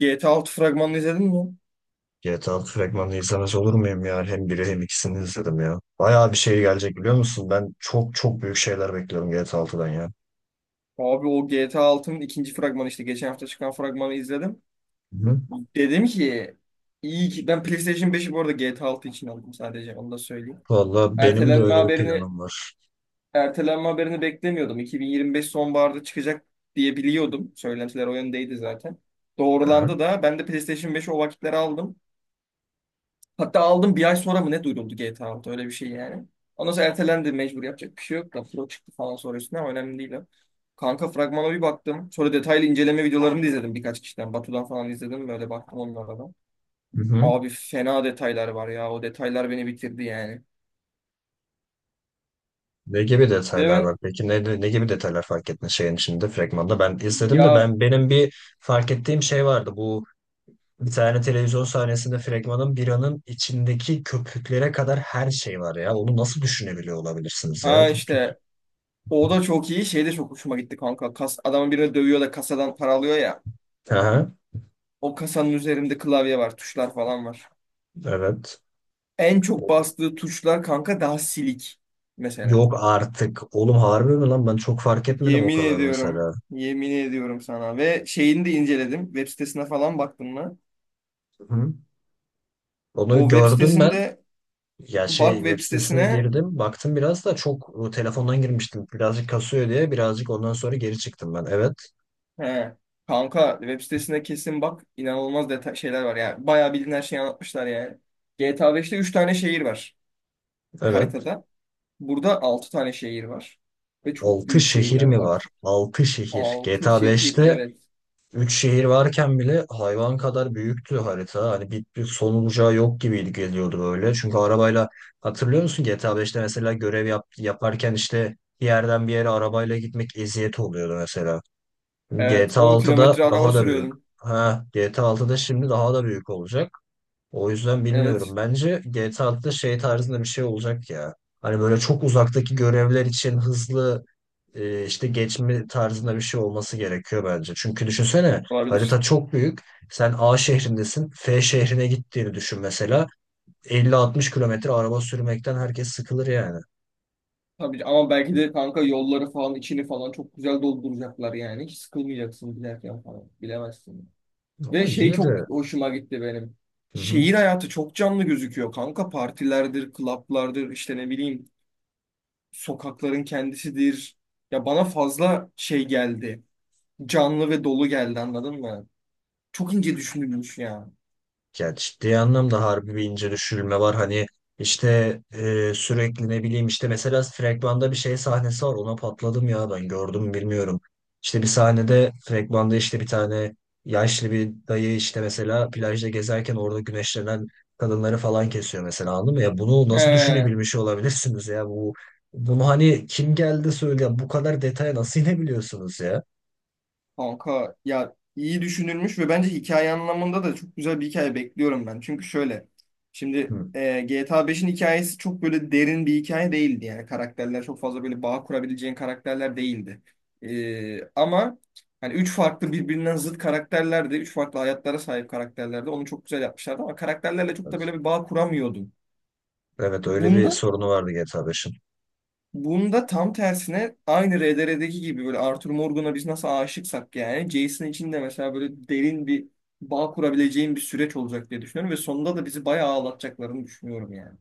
GTA 6 fragmanını izledin mi? GTA 6 fragmanını izlemez olur muyum ya? Hem biri hem ikisini izledim ya. Bayağı bir şey gelecek, biliyor musun? Ben çok çok büyük şeyler bekliyorum GTA 6'dan ya. Abi o GTA 6'nın ikinci fragmanı işte geçen hafta çıkan fragmanı izledim. Hı-hı. Dedim ki iyi ki ben PlayStation 5'i bu arada GTA 6 için aldım, sadece onu da söyleyeyim. Valla benim de Ertelenme öyle bir haberini planım var. ertelenme haberini beklemiyordum. 2025 sonbaharda çıkacak diye biliyordum. Söylentiler o yöndeydi zaten. Aha. Doğrulandı da ben de PlayStation 5'i o vakitlere aldım. Hatta aldım bir ay sonra mı ne duyuruldu GTA 6, öyle bir şey yani. Ondan sonra ertelendi, mecbur, yapacak bir şey yok da Pro çıktı falan sonra üstüne ama önemli değil o. Kanka fragmana bir baktım. Sonra detaylı inceleme videolarını da izledim birkaç kişiden. Batu'dan falan izledim, böyle baktım onlara da. Hı-hı. Abi fena detaylar var ya, o detaylar beni bitirdi yani. Ne gibi Ve detaylar var? ben Peki ne gibi detaylar fark ettin şeyin içinde, fragmanda? Ben izledim de ya benim bir fark ettiğim şey vardı. Bu, bir tane televizyon sahnesinde fragmanın, biranın içindeki köpüklere kadar her şey var ya. Onu nasıl düşünebiliyor olabilirsiniz ya? ha Çok iyi. işte, o da çok iyi, şey de çok hoşuma gitti kanka. Adamın birini dövüyor da kasadan para alıyor ya. Aha, O kasanın üzerinde klavye var, tuşlar falan var. evet. En çok bastığı tuşlar kanka daha silik mesela. Yok artık. Oğlum, harbi mi lan? Ben çok fark etmedim o Yemin kadar ediyorum. mesela. Yemin ediyorum sana. Ve şeyini de inceledim. Web sitesine falan baktım mı? Hı. Onu O web gördüm ben. sitesinde Ya şey, bak web web sitesine sitesine. girdim. Baktım biraz da, çok o, telefondan girmiştim. Birazcık kasıyor diye birazcık, ondan sonra geri çıktım ben. Evet. He. Kanka web sitesine kesin bak. İnanılmaz detay şeyler var. Yani bayağı bildiğin her şeyi anlatmışlar yani. GTA 5'te 3 tane şehir var Evet. haritada. Burada 6 tane şehir var. Ve çok 6 büyük şehir şehirler mi var? var. 6 şehir. 6 GTA şehir 5'te evet. üç şehir varken bile hayvan kadar büyüktü harita. Hani bir son olacağı yok gibiydi, geliyordu böyle. Çünkü arabayla, hatırlıyor musun GTA 5'te mesela görev yaparken, işte bir yerden bir yere arabayla gitmek eziyet oluyordu mesela. Evet, GTA On 6'da kilometre araba daha da büyük. sürüyordum. Ha, GTA 6'da şimdi daha da büyük olacak. O yüzden Evet, bilmiyorum. Bence GTA 6'da şey tarzında bir şey olacak ya. Hani böyle çok uzaktaki görevler için hızlı işte geçme tarzında bir şey olması gerekiyor bence. Çünkü düşünsene, olabilir. harita çok büyük. Sen A şehrindesin. F şehrine gittiğini düşün mesela. 50-60 kilometre araba sürmekten herkes sıkılır yani. Tabii ki. Ama belki de kanka yolları falan içini falan çok güzel dolduracaklar yani. Hiç sıkılmayacaksın giderken falan. Bilemezsin. Ve Ama şey yine çok de. hoşuma gitti benim. Hı hı. Şehir hayatı çok canlı gözüküyor kanka. Partilerdir, klaplardır, işte ne bileyim sokakların kendisidir. Ya bana fazla şey geldi. Canlı ve dolu geldi, anladın mı? Çok ince düşünülmüş ya. Ya, ciddi anlamda harbi bir ince düşürülme var. Hani işte sürekli ne bileyim, işte mesela fragmanda bir şey sahnesi var. Ona patladım ya, ben, gördüm mü bilmiyorum. İşte bir sahnede, fragmanda, işte bir tane yaşlı bir dayı işte mesela plajda gezerken orada güneşlenen kadınları falan kesiyor mesela, anladın mı? Ya, bunu nasıl He. düşünebilmiş olabilirsiniz ya, bunu hani kim geldi söyle, bu kadar detaya nasıl inebiliyorsunuz ya? Kanka ya iyi düşünülmüş ve bence hikaye anlamında da çok güzel bir hikaye bekliyorum ben. Çünkü şöyle şimdi Hı. GTA 5'in hikayesi çok böyle derin bir hikaye değildi. Yani karakterler çok fazla böyle bağ kurabileceğin karakterler değildi. Ama hani üç farklı birbirinden zıt karakterlerdi. Üç farklı hayatlara sahip karakterlerdi. Onu çok güzel yapmışlardı ama karakterlerle çok da Evet, böyle bir bağ kuramıyordum. evet, öyle bir Bunda sorunu vardı GTA 5'in. Bunda tam tersine aynı RDR'deki gibi, böyle Arthur Morgan'a biz nasıl aşıksak, yani Jason için de mesela böyle derin bir bağ kurabileceğim bir süreç olacak diye düşünüyorum ve sonunda da bizi bayağı ağlatacaklarını düşünüyorum yani.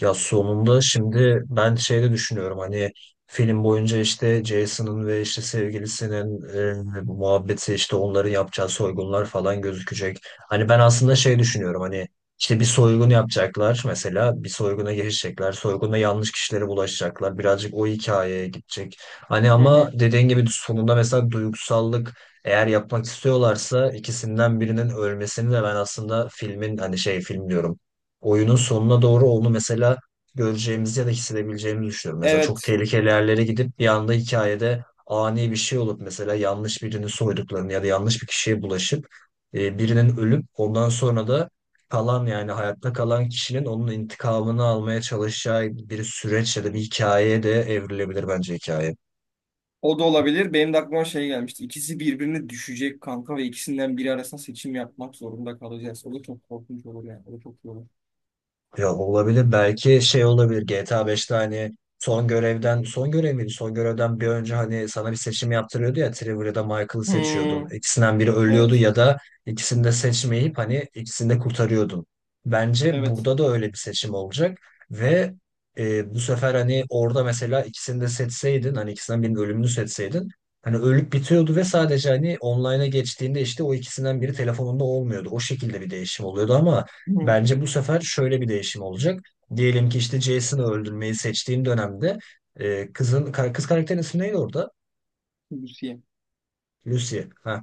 Ya sonunda şimdi ben şeyde düşünüyorum, hani film boyunca işte Jason'ın ve işte sevgilisinin muhabbeti, işte onların yapacağı soygunlar falan gözükecek. Hani ben aslında şey düşünüyorum, hani işte bir soygun yapacaklar mesela, bir soyguna girişecekler. Soyguna, yanlış kişilere bulaşacaklar. Birazcık o hikayeye gidecek. Hani Hı ama hı. dediğin gibi sonunda mesela duygusallık eğer yapmak istiyorlarsa, ikisinden birinin ölmesini de ben aslında filmin, hani şey, film diyorum, oyunun sonuna doğru onu mesela göreceğimizi ya da hissedebileceğimizi düşünüyorum. Mesela çok Evet, tehlikeli yerlere gidip bir anda hikayede ani bir şey olup mesela yanlış birini soyduklarını ya da yanlış bir kişiye bulaşıp birinin ölüp ondan sonra da kalan, yani hayatta kalan kişinin onun intikamını almaya çalışacağı bir süreç ya da bir hikayeye de evrilebilir bence hikaye. o da olabilir. Benim de aklıma şey gelmişti. İkisi birbirine düşecek kanka ve ikisinden biri arasında seçim yapmak zorunda kalacağız. O da çok korkunç olur yani. O da çok iyi olur. Ya, olabilir. Belki şey olabilir. GTA 5'te hani son görevden, son görev miydi? Son görevden bir önce hani sana bir seçim yaptırıyordu ya, Trevor ya da Michael'ı seçiyordun. Hmm, İkisinden biri ölüyordu evet, ya da ikisini de seçmeyip hani ikisini de kurtarıyordun. Bence evet. burada da öyle bir seçim olacak ve bu sefer, hani orada mesela ikisini de seçseydin, hani ikisinden birinin ölümünü seçseydin, hani ölüp bitiyordu ve sadece hani online'a geçtiğinde işte o ikisinden biri telefonunda olmuyordu. O şekilde bir değişim oluyordu ama Hı. bence bu sefer şöyle bir değişim olacak. Diyelim ki işte Jason'ı öldürmeyi seçtiğim dönemde kız karakterin ismi neydi orada? Lucy. Lucy. Ha,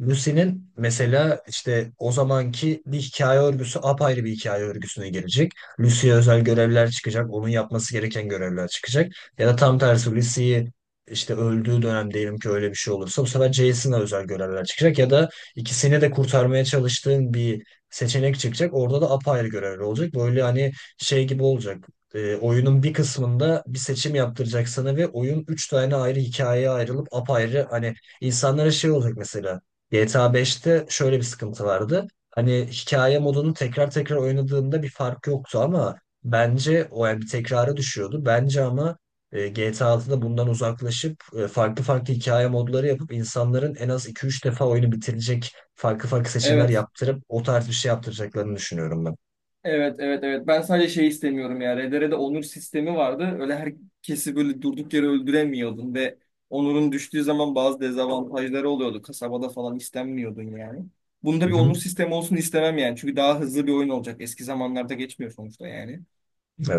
Lucy'nin mesela işte o zamanki bir hikaye örgüsü apayrı bir hikaye örgüsüne gelecek. Lucy'ye özel görevler çıkacak. Onun yapması gereken görevler çıkacak. Ya da tam tersi, Lucy'yi işte öldüğü dönem, diyelim ki öyle bir şey olursa, bu sefer Jason'a özel görevler çıkacak. Ya da ikisini de kurtarmaya çalıştığın bir seçenek çıkacak. Orada da apayrı görevler olacak. Böyle, hani şey gibi olacak. Oyunun bir kısmında bir seçim yaptıracak sana ve oyun üç tane ayrı hikayeye ayrılıp apayrı hani insanlara şey olacak mesela. GTA 5'te şöyle bir sıkıntı vardı. Hani hikaye modunu tekrar tekrar oynadığında bir fark yoktu ama bence o, yani bir tekrara düşüyordu. Bence ama GTA 6'da bundan uzaklaşıp farklı farklı hikaye modları yapıp insanların en az iki üç defa oyunu bitirecek farklı farklı seçimler Evet. yaptırıp o tarz bir şey yaptıracaklarını düşünüyorum ben. Evet evet evet. Ben sadece şey istemiyorum ya. RDR'de onur sistemi vardı. Öyle herkesi böyle durduk yere öldüremiyordun ve onurun düştüğü zaman bazı dezavantajları oluyordu. Kasabada falan istenmiyordun yani. Bunda Hı bir onur hı. sistemi olsun istemem yani. Çünkü daha hızlı bir oyun olacak. Eski zamanlarda geçmiyor sonuçta yani.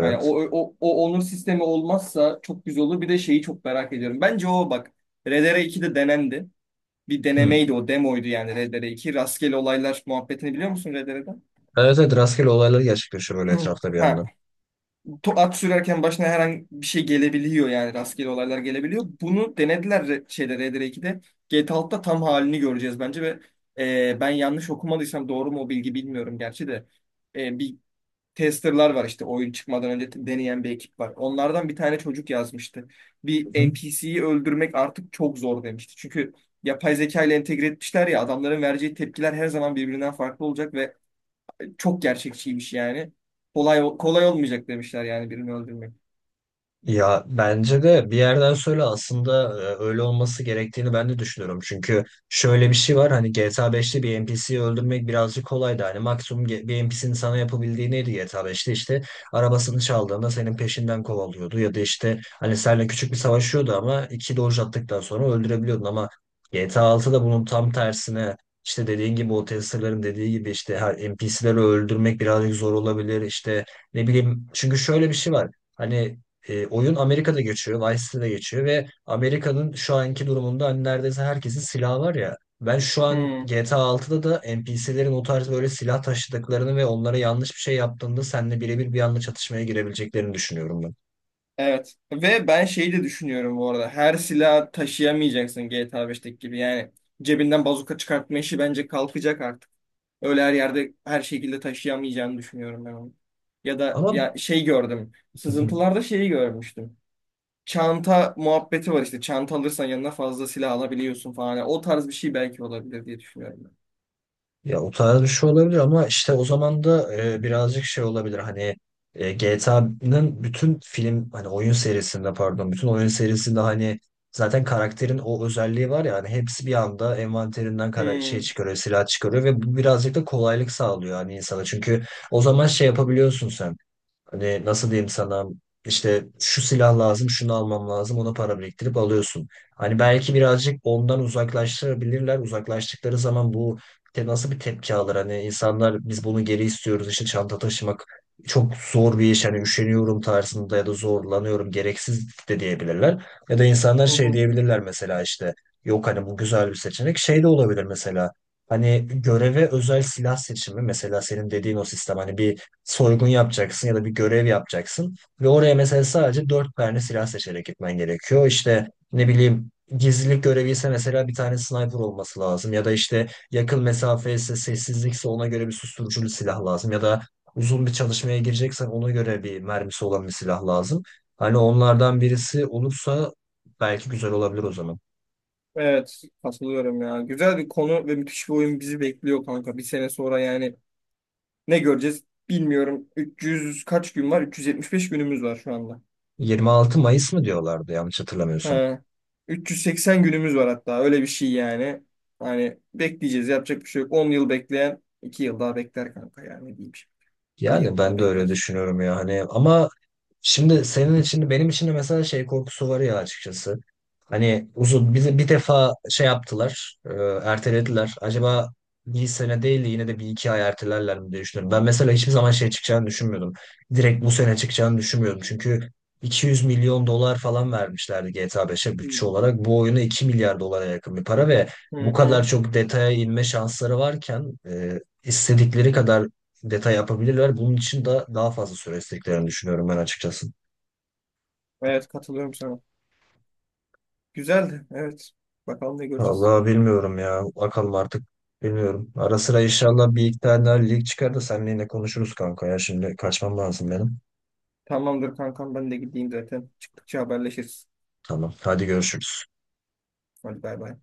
Yani o, o, o onur sistemi olmazsa çok güzel olur. Bir de şeyi çok merak ediyorum. Bence o bak RDR 2'de denendi. Bir Hı. denemeydi o demoydu yani RDR 2. Rastgele olaylar muhabbetini biliyor musun R D R'den? Evet, evet, rastgele olaylar gerçekleşiyor böyle etrafta bir Ha. yandan. At sürerken başına herhangi bir şey gelebiliyor yani rastgele olaylar gelebiliyor. Bunu denediler şeyde Red Dead 2'de. GTA 6'da tam halini göreceğiz bence ve ben yanlış okumadıysam, doğru mu o bilgi bilmiyorum gerçi de. Bir testerlar var işte oyun çıkmadan önce deneyen bir ekip var. Onlardan bir tane çocuk yazmıştı. Bir NPC'yi öldürmek artık çok zor demişti. Çünkü yapay zeka ile entegre etmişler ya, adamların vereceği tepkiler her zaman birbirinden farklı olacak ve çok gerçekçiymiş yani. Kolay kolay olmayacak demişler yani birini öldürmek. Ya bence de bir yerden sonra aslında öyle olması gerektiğini ben de düşünüyorum. Çünkü şöyle bir şey var, hani GTA 5'te bir NPC'yi öldürmek birazcık kolaydı. Hani maksimum bir NPC'nin sana yapabildiği neydi GTA 5'te? İşte arabasını çaldığında senin peşinden kovalıyordu. Ya da işte hani seninle küçük bir savaşıyordu ama iki doge attıktan sonra öldürebiliyordun. Ama GTA 6'da bunun tam tersine, işte dediğin gibi, o testerların dediği gibi, işte her NPC'leri öldürmek birazcık zor olabilir. İşte ne bileyim, çünkü şöyle bir şey var. Hani oyun Amerika'da geçiyor, Vice City'de geçiyor ve Amerika'nın şu anki durumunda hani neredeyse herkesin silahı var ya. Ben şu an Hmm, GTA 6'da da NPC'lerin o tarz böyle silah taşıdıklarını ve onlara yanlış bir şey yaptığında seninle birebir bir anda çatışmaya girebileceklerini düşünüyorum ben. evet. Ve ben şeyi de düşünüyorum bu arada. Her silah taşıyamayacaksın GTA 5'teki gibi. Yani cebinden bazuka çıkartma işi bence kalkacak artık. Öyle her yerde her şekilde taşıyamayacağını düşünüyorum ben onu. Ya da Ama. ya şey gördüm. Sızıntılarda şeyi görmüştüm. Çanta muhabbeti var işte. Çanta alırsan yanına fazla silah alabiliyorsun falan. Yani o tarz bir şey belki olabilir diye düşünüyorum ben. Ya, o tarz bir şey olabilir ama işte o zaman da birazcık şey olabilir, hani GTA'nın bütün film, hani oyun serisinde, pardon, bütün oyun serisinde hani zaten karakterin o özelliği var ya, hani hepsi bir anda envanterinden kara şey Hmm. çıkarıyor, silah çıkarıyor ve bu birazcık da kolaylık sağlıyor hani insana. Çünkü o zaman şey yapabiliyorsun sen. Hani nasıl diyeyim sana, işte şu silah lazım, şunu almam lazım, ona para biriktirip alıyorsun. Hani belki birazcık ondan uzaklaştırabilirler. Uzaklaştıkları zaman bu nasıl bir tepki alır? Hani insanlar, "Biz bunu geri istiyoruz, işte çanta taşımak çok zor bir iş, hani üşeniyorum" tarzında ya da "zorlanıyorum, gereksiz" de diyebilirler. Ya da insanlar Hı şey hı. diyebilirler mesela, işte, "Yok hani, bu güzel bir seçenek" şey de olabilir mesela. Hani göreve özel silah seçimi, mesela senin dediğin o sistem, hani bir soygun yapacaksın ya da bir görev yapacaksın ve oraya mesela sadece dört tane silah seçerek gitmen gerekiyor. İşte ne bileyim, gizlilik görevi ise mesela bir tane sniper olması lazım ya da işte yakın mesafe ise, sessizlikse, ona göre bir susturuculu silah lazım ya da uzun bir çalışmaya gireceksen ona göre bir mermisi olan bir silah lazım. Hani onlardan birisi olursa belki güzel olabilir o zaman. Evet, katılıyorum ya. Güzel bir konu ve müthiş bir oyun bizi bekliyor kanka. Bir sene sonra yani. Ne göreceğiz bilmiyorum. 300 kaç gün var? 375 günümüz var şu anda. 26 Mayıs mı diyorlardı, yanlış hatırlamıyorsam. He. 380 günümüz var hatta, öyle bir şey yani. Hani bekleyeceğiz, yapacak bir şey yok. 10 yıl bekleyen 2 yıl daha bekler kanka yani ne diyeyim şimdi. Bir Yani yıl daha ben de öyle bekler. düşünüyorum ya, hani ama şimdi senin için, benim için de mesela şey korkusu var ya, açıkçası. Hani uzun, bizi bir defa şey yaptılar, ertelediler. Acaba bir sene değil de yine de bir iki ay ertelerler mi diye düşünüyorum. Ben mesela hiçbir zaman şey çıkacağını düşünmüyordum. Direkt bu sene çıkacağını düşünmüyordum. Çünkü 200 milyon dolar falan vermişlerdi GTA 5'e bütçe olarak. Bu oyuna 2 milyar dolara yakın bir para ve Hı bu kadar hı. çok detaya inme şansları varken istedikleri kadar detay yapabilirler. Bunun için de daha fazla süre istediklerini düşünüyorum ben, açıkçası. Evet katılıyorum sana. Güzeldi evet. Bakalım ne göreceğiz. Vallahi bilmiyorum ya. Bakalım artık. Bilmiyorum. Ara sıra inşallah bir iki tane daha lig çıkar da seninle yine konuşuruz kanka ya. Şimdi kaçmam lazım benim. Tamamdır kankam ben de gideyim zaten. Çıktıkça haberleşiriz. Tamam. Hadi görüşürüz. Hadi bay bay.